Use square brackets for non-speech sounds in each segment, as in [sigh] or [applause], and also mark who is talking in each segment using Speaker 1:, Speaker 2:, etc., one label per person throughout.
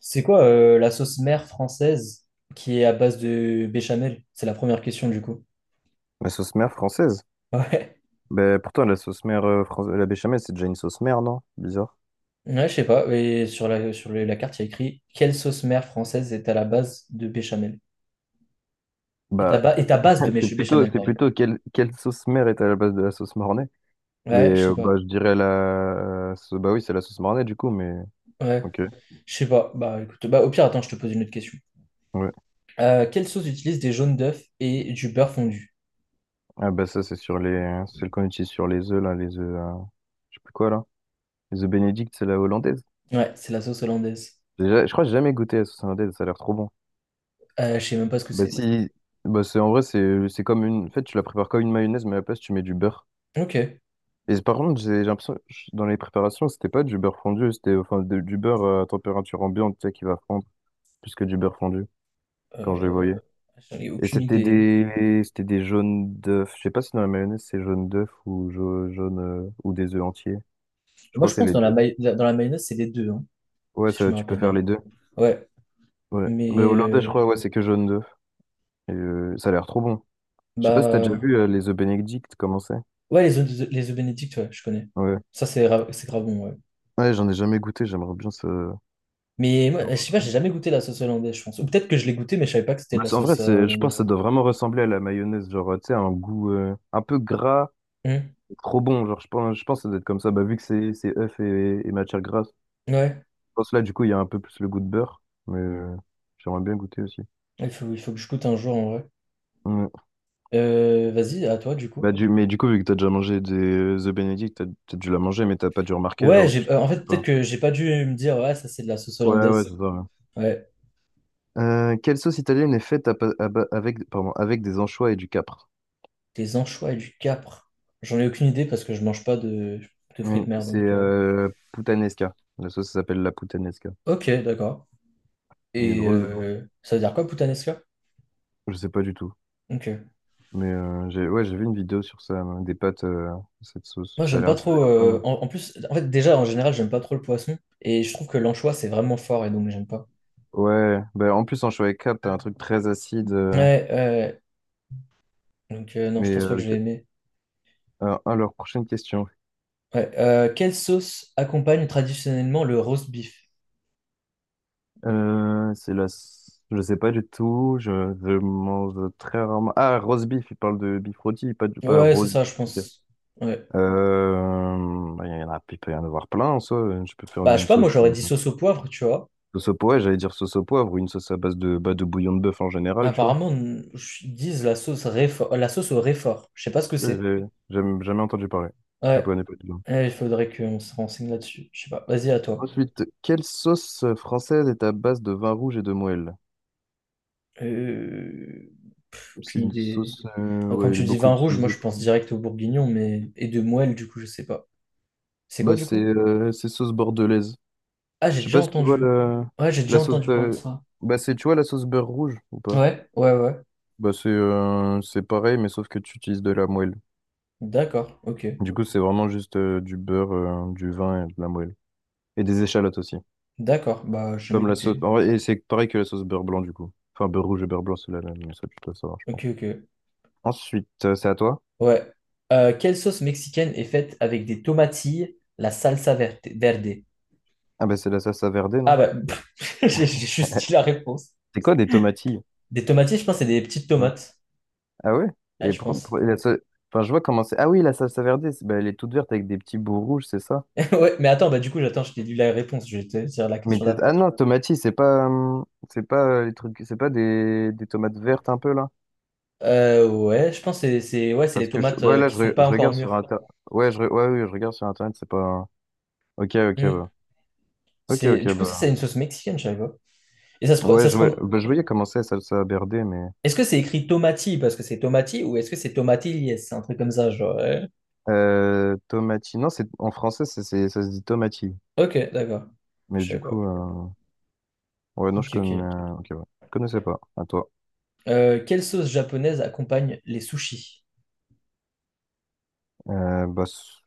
Speaker 1: C'est quoi la sauce mère française qui est à base de béchamel? C'est la première question du coup.
Speaker 2: La sauce mère française?
Speaker 1: [laughs]
Speaker 2: Ben, pourtant, la sauce mère française, la béchamel, c'est déjà une sauce mère, non? Bizarre.
Speaker 1: Ouais, ouais, je sais pas. Et sur la carte, il y a écrit quelle sauce mère française est à la base de béchamel? Est à,
Speaker 2: Bah,
Speaker 1: ba- est à base de
Speaker 2: [laughs] c'est plutôt,
Speaker 1: béchamel,
Speaker 2: c'est
Speaker 1: pardon.
Speaker 2: plutôt quelle sauce mère est à la base de la sauce mornay? Mais
Speaker 1: Ouais, je sais pas.
Speaker 2: bah, je dirais bah oui, c'est la sauce mornay du coup, mais.
Speaker 1: Ouais,
Speaker 2: Ok.
Speaker 1: je sais pas. Bah écoute, bah au pire, attends, je te pose une autre question.
Speaker 2: Ouais.
Speaker 1: Quelle sauce utilise des jaunes d'œufs et du beurre fondu?
Speaker 2: Ah bah ça, c'est sur les. C'est le qu'on utilise sur les œufs, là, les œufs. Je sais plus quoi, là. Les œufs bénédicts, c'est la hollandaise.
Speaker 1: Ouais, c'est la sauce hollandaise.
Speaker 2: Je crois que j'ai jamais goûté la sauce hollandaise, ça a l'air trop bon.
Speaker 1: Je sais même pas ce que
Speaker 2: Bah
Speaker 1: c'est.
Speaker 2: si. Bah c'est en vrai, c'est comme une. En fait, tu la prépares comme une mayonnaise, mais à la place, tu mets du beurre.
Speaker 1: Ok.
Speaker 2: Et par contre, j'ai l'impression, dans les préparations, c'était pas du beurre fondu, c'était enfin du beurre à température ambiante, tu sais, qui va fondre, plus que du beurre fondu, quand je les voyais.
Speaker 1: Euh, J'en ai
Speaker 2: Et
Speaker 1: aucune
Speaker 2: c'était
Speaker 1: idée.
Speaker 2: des, c'était des jaunes d'œufs. Je sais pas si dans la mayonnaise, c'est jaune d'œuf ou jaune, ou des œufs entiers. Je
Speaker 1: Moi,
Speaker 2: crois
Speaker 1: je
Speaker 2: que c'est
Speaker 1: pense que
Speaker 2: les
Speaker 1: dans
Speaker 2: deux.
Speaker 1: dans la mayonnaise, c'est les deux, hein,
Speaker 2: Ouais,
Speaker 1: si je
Speaker 2: ça,
Speaker 1: me
Speaker 2: tu peux
Speaker 1: rappelle
Speaker 2: faire
Speaker 1: bien.
Speaker 2: les deux.
Speaker 1: Ouais,
Speaker 2: Ouais. Mais
Speaker 1: mais
Speaker 2: hollandais, je crois, ouais, c'est que jaune d'œuf. Et ça a l'air trop bon. Je sais pas si t'as déjà
Speaker 1: bah
Speaker 2: vu les œufs Benedict, comment c'est?
Speaker 1: ouais, les œufs Benedict, ouais, je connais.
Speaker 2: Ouais.
Speaker 1: Ça c'est grave bon, ouais.
Speaker 2: Ouais, j'en ai jamais goûté, j'aimerais bien ça.
Speaker 1: Mais moi, je sais pas, j'ai jamais goûté la sauce hollandaise, je pense. Ou peut-être que je l'ai goûté, mais je savais pas que c'était
Speaker 2: Bah,
Speaker 1: de la
Speaker 2: en vrai,
Speaker 1: sauce
Speaker 2: c'est, je pense que ça
Speaker 1: hollandaise.
Speaker 2: doit vraiment ressembler à la mayonnaise, genre, tu sais, un goût un peu gras,
Speaker 1: Hmm.
Speaker 2: trop bon, genre, je pense que ça doit être comme ça, bah, vu que c'est œuf et matière grasse. Je
Speaker 1: Ouais,
Speaker 2: pense que là, du coup, il y a un peu plus le goût de beurre, mais j'aimerais bien goûter aussi.
Speaker 1: il faut que je goûte un jour en vrai.
Speaker 2: Ouais.
Speaker 1: Vas-y, à toi du coup.
Speaker 2: Bah, mais du coup, vu que t'as déjà mangé des The Benedict, t'as dû la manger, mais t'as pas dû remarquer,
Speaker 1: Ouais,
Speaker 2: genre, tu trouves
Speaker 1: en fait, peut-être
Speaker 2: pas.
Speaker 1: que j'ai pas dû me dire, ouais, ça c'est de la sauce
Speaker 2: Ouais, ouais, c'est
Speaker 1: hollandaise.
Speaker 2: ça, ouais.
Speaker 1: Ouais,
Speaker 2: Quelle sauce italienne est faite avec, pardon, avec des anchois et du capre?
Speaker 1: des anchois et du capre. J'en ai aucune idée parce que je mange pas de fruits
Speaker 2: Oui,
Speaker 1: de mer,
Speaker 2: c'est
Speaker 1: donc.
Speaker 2: puttanesca. La sauce s'appelle la puttanesca.
Speaker 1: Ok, d'accord.
Speaker 2: Il est
Speaker 1: Et
Speaker 2: drôle.
Speaker 1: ça veut dire quoi, puttanesca?
Speaker 2: Je sais pas du tout.
Speaker 1: Ok.
Speaker 2: Mais j'ai ouais, j'ai vu une vidéo sur ça, des pâtes, cette sauce.
Speaker 1: Moi,
Speaker 2: Ça a
Speaker 1: j'aime pas
Speaker 2: l'air, ça a
Speaker 1: trop.
Speaker 2: l'air pas
Speaker 1: euh,
Speaker 2: mal.
Speaker 1: en, en plus, en fait, déjà, en général, j'aime pas trop le poisson. Et je trouve que l'anchois, c'est vraiment fort et donc j'aime pas.
Speaker 2: Ouais, bah, en plus en choix 4, t'as un truc très acide. euh,
Speaker 1: Ouais, ouais. Ouais. Donc, non, je
Speaker 2: mais
Speaker 1: pense pas
Speaker 2: euh,
Speaker 1: que je vais
Speaker 2: ok.
Speaker 1: aimer.
Speaker 2: Alors, prochaine question.
Speaker 1: Ouais. Quelle sauce accompagne traditionnellement le roast beef?
Speaker 2: C'est la... Je sais pas du tout. Je mange très rarement. Ah, roast beef, il parle de beef rôti, pas de pas
Speaker 1: Ouais, c'est
Speaker 2: roast
Speaker 1: ça, je
Speaker 2: beef, ok.
Speaker 1: pense. Ouais.
Speaker 2: Bah, il y en a, il peut y en avoir plein en soi. Je peux faire
Speaker 1: Bah, je sais
Speaker 2: une
Speaker 1: pas, moi,
Speaker 2: sauce,
Speaker 1: j'aurais dit sauce au poivre, tu vois.
Speaker 2: sauce au poivre, j'allais dire sauce au poivre ou une sauce à base de, bah, de bouillon de bœuf en général, tu vois.
Speaker 1: Apparemment, ils disent la sauce au réfort. Je sais pas ce que c'est.
Speaker 2: J'ai jamais entendu parler. Je
Speaker 1: Ouais.
Speaker 2: connais pas du tout.
Speaker 1: Ouais, il faudrait qu'on se renseigne là-dessus. Je sais pas. Vas-y, à toi.
Speaker 2: Ensuite, quelle sauce française est à base de vin rouge et de moelle?
Speaker 1: Euh...
Speaker 2: C'est
Speaker 1: Aucune
Speaker 2: une
Speaker 1: idée.
Speaker 2: sauce,
Speaker 1: Quand
Speaker 2: ouais, elle est
Speaker 1: tu dis
Speaker 2: beaucoup
Speaker 1: vin rouge, moi
Speaker 2: utilisée
Speaker 1: je
Speaker 2: pour.
Speaker 1: pense direct au bourguignon, mais et de moelle, du coup, je sais pas. C'est quoi
Speaker 2: Bah,
Speaker 1: du
Speaker 2: c'est
Speaker 1: coup?
Speaker 2: euh, c'est sauce bordelaise.
Speaker 1: Ah, j'ai
Speaker 2: Je sais
Speaker 1: déjà
Speaker 2: pas si tu vois
Speaker 1: entendu.
Speaker 2: le...
Speaker 1: Ouais, j'ai déjà
Speaker 2: la sauce.
Speaker 1: entendu parler de
Speaker 2: euh,
Speaker 1: ça.
Speaker 2: Bah, c'est, tu vois la sauce beurre rouge ou pas?
Speaker 1: Ouais, ouais, ouais.
Speaker 2: Bah, c'est pareil, mais sauf que tu utilises de la moelle.
Speaker 1: D'accord, ok.
Speaker 2: Du coup, c'est vraiment juste du beurre, du vin et de la moelle. Et des échalotes aussi.
Speaker 1: D'accord, bah je vais
Speaker 2: Comme la sauce,
Speaker 1: goûter.
Speaker 2: en vrai, et c'est pareil que la sauce beurre blanc, du coup. Enfin, beurre rouge et beurre blanc, c'est la même, mais ça, tu dois savoir, je pense.
Speaker 1: Ok, ok.
Speaker 2: Ensuite, c'est à toi.
Speaker 1: Ouais. Quelle sauce mexicaine est faite avec des tomatilles, la salsa verte, verde?
Speaker 2: Ah bah c'est la salsa verde,
Speaker 1: Ah
Speaker 2: non?
Speaker 1: bah, [laughs] j'ai juste dit la réponse.
Speaker 2: C'est quoi des tomatilles?
Speaker 1: Des tomatilles, je pense, c'est des petites
Speaker 2: Ouais.
Speaker 1: tomates.
Speaker 2: Ah ouais?
Speaker 1: Ouais,
Speaker 2: Et
Speaker 1: je pense.
Speaker 2: et enfin, je vois comment c'est. Ah oui, la salsa verde, bah, elle est toute verte avec des petits bouts rouges, c'est ça?
Speaker 1: [laughs] Ouais, mais attends, bah du coup, j'attends, je t'ai dit la réponse, je vais te dire la
Speaker 2: Mais
Speaker 1: question
Speaker 2: ah
Speaker 1: d'après.
Speaker 2: non, tomatilles, c'est pas les trucs, c'est pas des tomates vertes un peu là?
Speaker 1: Ouais, je pense que ouais, c'est les
Speaker 2: Parce que
Speaker 1: tomates
Speaker 2: ouais là,
Speaker 1: qui sont pas
Speaker 2: je
Speaker 1: encore
Speaker 2: regarde sur
Speaker 1: mûres.
Speaker 2: internet. Ouais, ouais, oui, je regarde sur internet, c'est pas. Ok, ok,
Speaker 1: Hmm.
Speaker 2: bah. Ok,
Speaker 1: C'est,
Speaker 2: ok,
Speaker 1: du coup, ça, c'est
Speaker 2: bah.
Speaker 1: une sauce mexicaine, je savais pas. Et
Speaker 2: Ouais,
Speaker 1: ça se prend.
Speaker 2: bah, je voyais comment c'est salsa verde, mais
Speaker 1: Est-ce que c'est écrit tomati parce que c'est tomati ou est-ce que c'est tomatilles? C'est un truc comme ça, genre. Ouais.
Speaker 2: tomatilles. Non, c'est en français, ça se dit tomatilles.
Speaker 1: Ok, d'accord.
Speaker 2: Mais
Speaker 1: Je
Speaker 2: du
Speaker 1: savais pas.
Speaker 2: coup. Ouais, non, je
Speaker 1: Ok,
Speaker 2: connais.
Speaker 1: ok.
Speaker 2: euh, Ok, ouais. Je connaissais pas. À toi.
Speaker 1: Quelle sauce japonaise accompagne les sushis?
Speaker 2: Bah, s-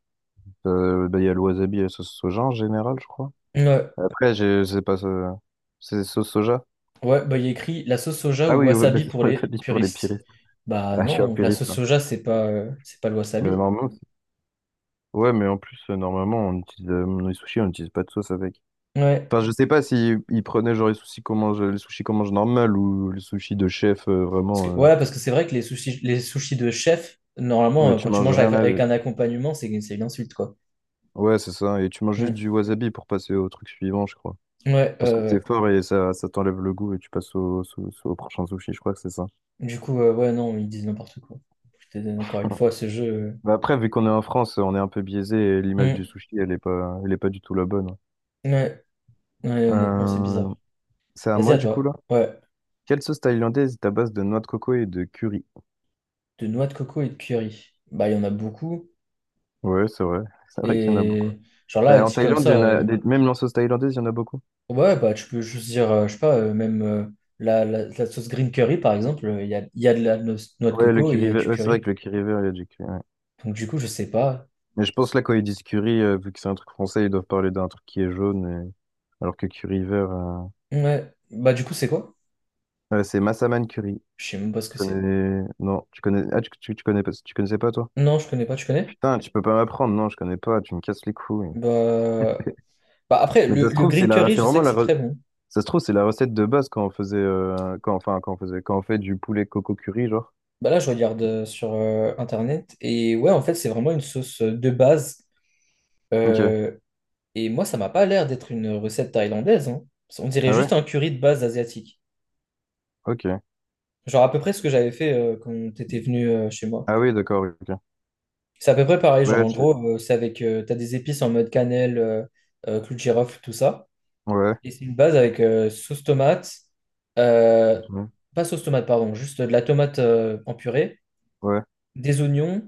Speaker 2: euh, bah, il y a le wasabi et la sauce soja en général, je crois.
Speaker 1: Ouais,
Speaker 2: Après, je sais pas. C'est sauce soja?
Speaker 1: ouais, bah il y a écrit la sauce soja
Speaker 2: Ah
Speaker 1: ou
Speaker 2: oui, ouais, [laughs] bah,
Speaker 1: wasabi
Speaker 2: c'est
Speaker 1: pour
Speaker 2: le
Speaker 1: les
Speaker 2: wasabi pour les
Speaker 1: puristes.
Speaker 2: puristes.
Speaker 1: Bah
Speaker 2: Ah, je suis un
Speaker 1: non, la
Speaker 2: puriste,
Speaker 1: sauce
Speaker 2: hein.
Speaker 1: soja, c'est pas le
Speaker 2: Mais
Speaker 1: wasabi.
Speaker 2: normalement, ouais, mais en plus, normalement, on utilise, dans les sushis, on n'utilise pas de sauce avec.
Speaker 1: Ouais.
Speaker 2: Enfin, je sais pas si ils prenaient genre les sushis qu'on mange, les sushis qu'on mange normal ou les sushis de chef,
Speaker 1: Parce que-
Speaker 2: vraiment.
Speaker 1: ouais, parce que c'est vrai que les sushis de chef, normalement,
Speaker 2: Mais tu
Speaker 1: quand tu
Speaker 2: manges
Speaker 1: manges avec,
Speaker 2: rien
Speaker 1: avec
Speaker 2: avec.
Speaker 1: un accompagnement, c'est une insulte, quoi.
Speaker 2: Ouais, c'est ça. Et tu manges juste
Speaker 1: Mm.
Speaker 2: du wasabi pour passer au truc suivant, je crois.
Speaker 1: Ouais,
Speaker 2: Parce que c'est
Speaker 1: ouais.
Speaker 2: fort et ça t'enlève le goût et tu passes au prochain sushi, je crois que c'est ça.
Speaker 1: Du coup, ouais, non, ils disent n'importe quoi. Je te donne encore une fois ce jeu.
Speaker 2: Bah après, vu qu'on est en France, on est un peu biaisé et l'image
Speaker 1: euh.
Speaker 2: du sushi, elle est pas du tout la bonne.
Speaker 1: Mm. Ouais. Ouais, honnêtement, c'est
Speaker 2: Euh,
Speaker 1: bizarre.
Speaker 2: c'est à
Speaker 1: Vas-y,
Speaker 2: moi
Speaker 1: à
Speaker 2: du coup
Speaker 1: toi.
Speaker 2: là.
Speaker 1: Ouais.
Speaker 2: Quelle sauce thaïlandaise est à base de noix de coco et de curry?
Speaker 1: De noix de coco et de curry. Bah, il y en a beaucoup.
Speaker 2: Ouais, c'est vrai. [laughs] C'est vrai qu'il y en a beaucoup.
Speaker 1: Et genre là,
Speaker 2: Bah, en
Speaker 1: dit comme
Speaker 2: Thaïlande, il y
Speaker 1: ça,
Speaker 2: en a même en sauce thaïlandaise, il y en a beaucoup.
Speaker 1: ouais, bah, tu peux juste dire, je sais pas, même la sauce green curry, par exemple, il y a de la noix de
Speaker 2: Ouais, le
Speaker 1: coco et il y
Speaker 2: curry
Speaker 1: a
Speaker 2: vert,
Speaker 1: du
Speaker 2: ouais, c'est vrai
Speaker 1: curry.
Speaker 2: que le curry vert, il y a du curry, ouais.
Speaker 1: Donc, du coup, je sais pas.
Speaker 2: Mais je pense là, quand ils disent curry, vu que c'est un truc français, ils doivent parler d'un truc qui est jaune, alors que curry vert,
Speaker 1: Ouais. Bah du coup, c'est quoi?
Speaker 2: ouais, c'est massaman curry.
Speaker 1: Je sais même pas ce que c'est.
Speaker 2: Connais... Non, tu connais... Ah, tu connais pas... tu connaissais pas, toi?
Speaker 1: Non, je connais pas, tu connais?
Speaker 2: Putain, tu peux pas m'apprendre. Non, je connais pas. Tu me casses les couilles.
Speaker 1: Bah, bah, après,
Speaker 2: Mais
Speaker 1: le,
Speaker 2: ça se
Speaker 1: le
Speaker 2: trouve, c'est
Speaker 1: green
Speaker 2: la...
Speaker 1: curry,
Speaker 2: c'est
Speaker 1: je sais
Speaker 2: vraiment
Speaker 1: que
Speaker 2: la...
Speaker 1: c'est très bon.
Speaker 2: ça se trouve, c'est la recette de base quand on faisait... quand... enfin, quand on faisait... quand on fait du poulet coco curry, genre.
Speaker 1: Bah là, je regarde sur Internet. Et ouais, en fait, c'est vraiment une sauce de base.
Speaker 2: Ok.
Speaker 1: Euh, et moi, ça m'a pas l'air d'être une recette thaïlandaise, hein. On dirait
Speaker 2: Ah
Speaker 1: juste
Speaker 2: ouais?
Speaker 1: un curry de base asiatique.
Speaker 2: Ok.
Speaker 1: Genre à peu près ce que j'avais fait quand t'étais venu chez moi.
Speaker 2: Ah oui, d'accord, ok.
Speaker 1: C'est à peu près pareil. Genre
Speaker 2: Ouais,
Speaker 1: en
Speaker 2: tu...
Speaker 1: gros, c'est t'as des épices en mode cannelle, clou de girofle, tout ça.
Speaker 2: Ouais,
Speaker 1: Et c'est une base avec sauce tomate, euh,
Speaker 2: ok,
Speaker 1: pas sauce tomate, pardon, juste de la tomate en purée,
Speaker 2: ouais.
Speaker 1: des oignons,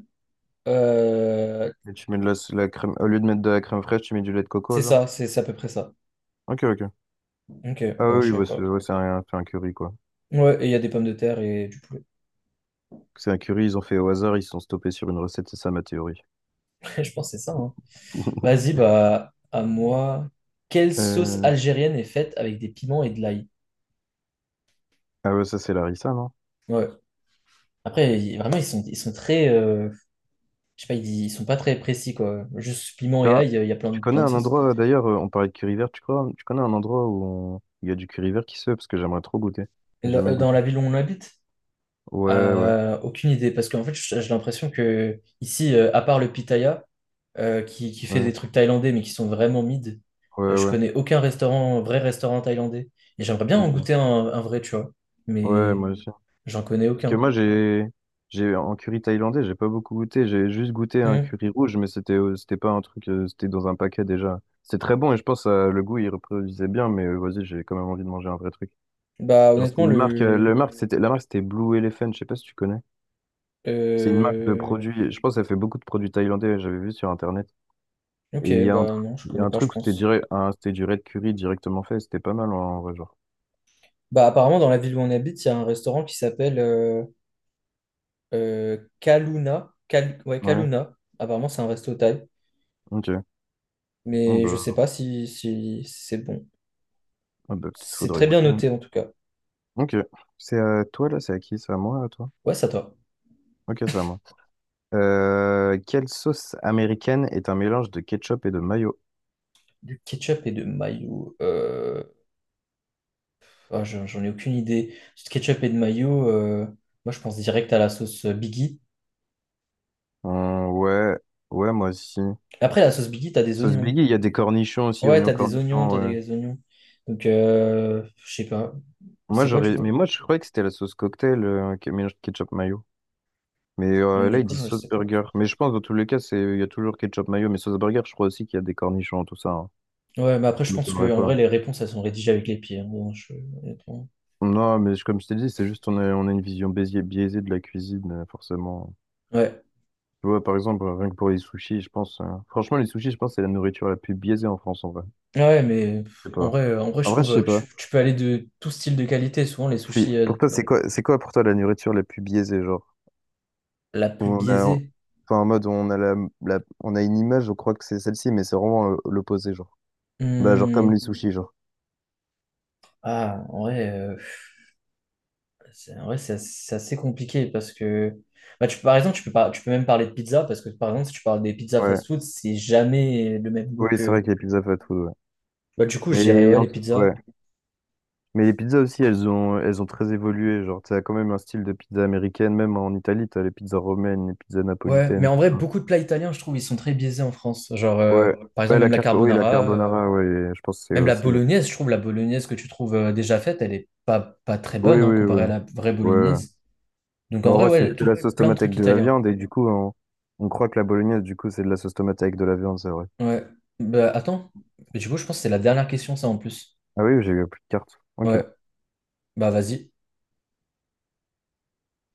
Speaker 1: euh,
Speaker 2: Et tu mets de la crème... Au lieu de mettre de la crème fraîche, tu mets du lait de
Speaker 1: c'est
Speaker 2: coco, genre?
Speaker 1: ça, c'est à peu près ça.
Speaker 2: Ok, ok.
Speaker 1: Ok,
Speaker 2: Ah
Speaker 1: bah je
Speaker 2: oui,
Speaker 1: savais
Speaker 2: bah, c'est
Speaker 1: pas.
Speaker 2: ouais, c'est un curry, quoi.
Speaker 1: Ouais, et il y a des pommes de terre et du poulet.
Speaker 2: C'est un curry, ils ont fait au hasard, ils se sont stoppés sur une recette, c'est ça ma théorie.
Speaker 1: [laughs] Je pense que c'est ça, hein.
Speaker 2: [laughs]
Speaker 1: Vas-y, bah à moi. Quelle sauce
Speaker 2: Euh,
Speaker 1: algérienne est faite avec des piments et de l'ail?
Speaker 2: Ah ouais, ça c'est Larissa, non?
Speaker 1: Ouais. Après, vraiment, ils sont très. Je sais pas, ils sont pas très précis, quoi. Juste piment et
Speaker 2: T'as un-
Speaker 1: ail, il y a plein
Speaker 2: Tu
Speaker 1: de,
Speaker 2: connais
Speaker 1: plein de
Speaker 2: un
Speaker 1: sauces.
Speaker 2: endroit, d'ailleurs, on parlait de curry vert, tu crois? Tu connais un endroit où il y a du curry vert qui se fait parce que j'aimerais trop goûter. J'ai
Speaker 1: Là,
Speaker 2: jamais
Speaker 1: dans
Speaker 2: goûté.
Speaker 1: la ville où on habite?
Speaker 2: Ouais, ouais,
Speaker 1: Aucune idée, parce qu'en fait, j'ai l'impression que ici, à part le Pitaya, qui fait des
Speaker 2: ouais,
Speaker 1: trucs thaïlandais, mais qui sont vraiment mid,
Speaker 2: ouais,
Speaker 1: je
Speaker 2: ouais,
Speaker 1: connais aucun restaurant, vrai restaurant thaïlandais. Et j'aimerais bien en
Speaker 2: ok.
Speaker 1: goûter un vrai, tu vois,
Speaker 2: Ouais,
Speaker 1: mais
Speaker 2: moi aussi.
Speaker 1: j'en connais
Speaker 2: Parce que
Speaker 1: aucun.
Speaker 2: moi j'ai en curry thaïlandais, j'ai pas beaucoup goûté, j'ai juste goûté un
Speaker 1: Hmm.
Speaker 2: curry rouge, mais c'était pas un truc, c'était dans un paquet déjà. C'était très bon et je pense le goût il reproduisait bien, mais vas-y, j'ai quand même envie de manger un vrai truc.
Speaker 1: Bah,
Speaker 2: Genre c'était
Speaker 1: honnêtement.
Speaker 2: une marque, le
Speaker 1: Le.
Speaker 2: marque c'était la marque c'était Blue Elephant, je sais pas si tu connais. C'est une marque de
Speaker 1: Euh,
Speaker 2: produits. Je pense qu'elle fait beaucoup de produits thaïlandais, j'avais vu sur Internet. Et
Speaker 1: Ok,
Speaker 2: il y a
Speaker 1: bah non, je connais
Speaker 2: un
Speaker 1: pas, je
Speaker 2: truc, où c'était
Speaker 1: pense.
Speaker 2: direct, c'était du red curry directement fait. C'était pas mal en vrai, genre.
Speaker 1: Bah, apparemment, dans la ville où on habite, il y a un restaurant qui s'appelle Kaluna. Ouais,
Speaker 2: Ouais,
Speaker 1: Kaluna. Apparemment, c'est un resto thaï,
Speaker 2: ok. Ah
Speaker 1: mais je sais
Speaker 2: bah,
Speaker 1: pas si c'est bon.
Speaker 2: ah bah, peut-être
Speaker 1: C'est
Speaker 2: faudrait
Speaker 1: très bien
Speaker 2: goûter.
Speaker 1: noté en tout cas.
Speaker 2: Ok. C'est à toi là, c'est à qui? C'est à moi, à toi?
Speaker 1: Ouais, ça toi.
Speaker 2: Ok, c'est à moi. Quelle sauce américaine est un mélange de ketchup et de mayo?
Speaker 1: Du ketchup et de mayo, ah, j'en ai aucune idée. Du ketchup et de mayo, moi je pense direct à la sauce Biggie.
Speaker 2: Ouais, ouais, moi aussi.
Speaker 1: Après, la sauce Biggie, t'as des
Speaker 2: Sauce
Speaker 1: oignons.
Speaker 2: Biggie, il y a des cornichons aussi,
Speaker 1: Ouais,
Speaker 2: oignons
Speaker 1: t'as des oignons,
Speaker 2: cornichons,
Speaker 1: t'as
Speaker 2: ouais.
Speaker 1: des oignons. Donc, je sais pas.
Speaker 2: Moi,
Speaker 1: C'est quoi du
Speaker 2: j'aurais, mais
Speaker 1: coup?
Speaker 2: moi, je croyais que c'était la sauce cocktail, qui mélange ketchup mayo. Mais là,
Speaker 1: Du
Speaker 2: ils
Speaker 1: coup,
Speaker 2: disent
Speaker 1: je
Speaker 2: sauce
Speaker 1: sais pas.
Speaker 2: burger. Mais je pense, dans tous les cas, c'est il y a toujours ketchup mayo. Mais sauce burger, je crois aussi qu'il y a des cornichons, tout ça, hein.
Speaker 1: Ouais, mais après, je
Speaker 2: Ça
Speaker 1: pense
Speaker 2: m'étonnerait
Speaker 1: que
Speaker 2: ok
Speaker 1: en vrai,
Speaker 2: pas.
Speaker 1: les réponses, elles sont rédigées avec les pieds, hein. Bon, honnêtement.
Speaker 2: Non, mais comme je t'ai dit, c'est juste on a une vision biaisée de la cuisine, forcément.
Speaker 1: Ouais.
Speaker 2: Tu vois, par exemple, rien que pour les sushis, je pense, franchement, les sushis, je pense, c'est la nourriture la plus biaisée en France, en vrai.
Speaker 1: Ah ouais, mais
Speaker 2: Je sais
Speaker 1: en
Speaker 2: pas.
Speaker 1: vrai, euh, en vrai, je
Speaker 2: En vrai,
Speaker 1: trouve
Speaker 2: je
Speaker 1: euh,
Speaker 2: sais
Speaker 1: tu,
Speaker 2: pas.
Speaker 1: tu peux aller de tout style de qualité. Souvent, les sushis,
Speaker 2: Pour toi, c'est quoi pour toi la nourriture la plus biaisée, genre?
Speaker 1: la
Speaker 2: Où
Speaker 1: plus
Speaker 2: on a,
Speaker 1: biaisée.
Speaker 2: enfin, en mode, on a on a une image, je crois que c'est celle-ci, mais c'est vraiment l'opposé, genre. Bah, genre comme
Speaker 1: Hmm,
Speaker 2: les sushis, genre.
Speaker 1: ah, en vrai, c'est en vrai, c'est assez compliqué parce que bah, par exemple, tu peux pas, tu peux même parler de pizza parce que par exemple, si tu parles des pizzas
Speaker 2: Ouais.
Speaker 1: fast-food, c'est jamais le même goût
Speaker 2: Oui, c'est vrai
Speaker 1: que.
Speaker 2: que les pizzas fast food, ouais.
Speaker 1: Bah, du coup, je dirais
Speaker 2: Mais,
Speaker 1: ouais, les
Speaker 2: ouais.
Speaker 1: pizzas.
Speaker 2: Mais les pizzas aussi, elles ont très évolué. Genre, t'as quand même un style de pizza américaine, même en Italie, t'as les pizzas romaines, les pizzas
Speaker 1: Ouais, mais
Speaker 2: napolitaines,
Speaker 1: en
Speaker 2: tout
Speaker 1: vrai,
Speaker 2: ça.
Speaker 1: beaucoup de plats italiens, je trouve, ils sont très biaisés en France. Genre,
Speaker 2: Ouais,
Speaker 1: par
Speaker 2: ouais,
Speaker 1: exemple, même la
Speaker 2: oui, la
Speaker 1: carbonara.
Speaker 2: carbonara, ouais, je pense que c'est
Speaker 1: Même la
Speaker 2: aussi.
Speaker 1: bolognaise, je trouve la bolognaise que tu trouves déjà faite, elle est pas très
Speaker 2: Oui,
Speaker 1: bonne hein,
Speaker 2: oui, oui,
Speaker 1: comparée à
Speaker 2: ouais.
Speaker 1: la vraie
Speaker 2: Ouais.
Speaker 1: bolognaise. Donc en
Speaker 2: Non, en
Speaker 1: vrai,
Speaker 2: vrai, c'est
Speaker 1: ouais,
Speaker 2: juste de
Speaker 1: tout,
Speaker 2: la sauce
Speaker 1: plein de
Speaker 2: tomate
Speaker 1: trucs
Speaker 2: avec de la
Speaker 1: italiens.
Speaker 2: viande, et du coup, on croit que la bolognaise, du coup, c'est de la sauce tomate avec de la viande, c'est vrai.
Speaker 1: Ouais. Bah, attends, mais du coup, je pense que c'est la dernière question, ça en plus.
Speaker 2: Ah oui, j'ai eu plus de cartes. Ok.
Speaker 1: Ouais, bah vas-y.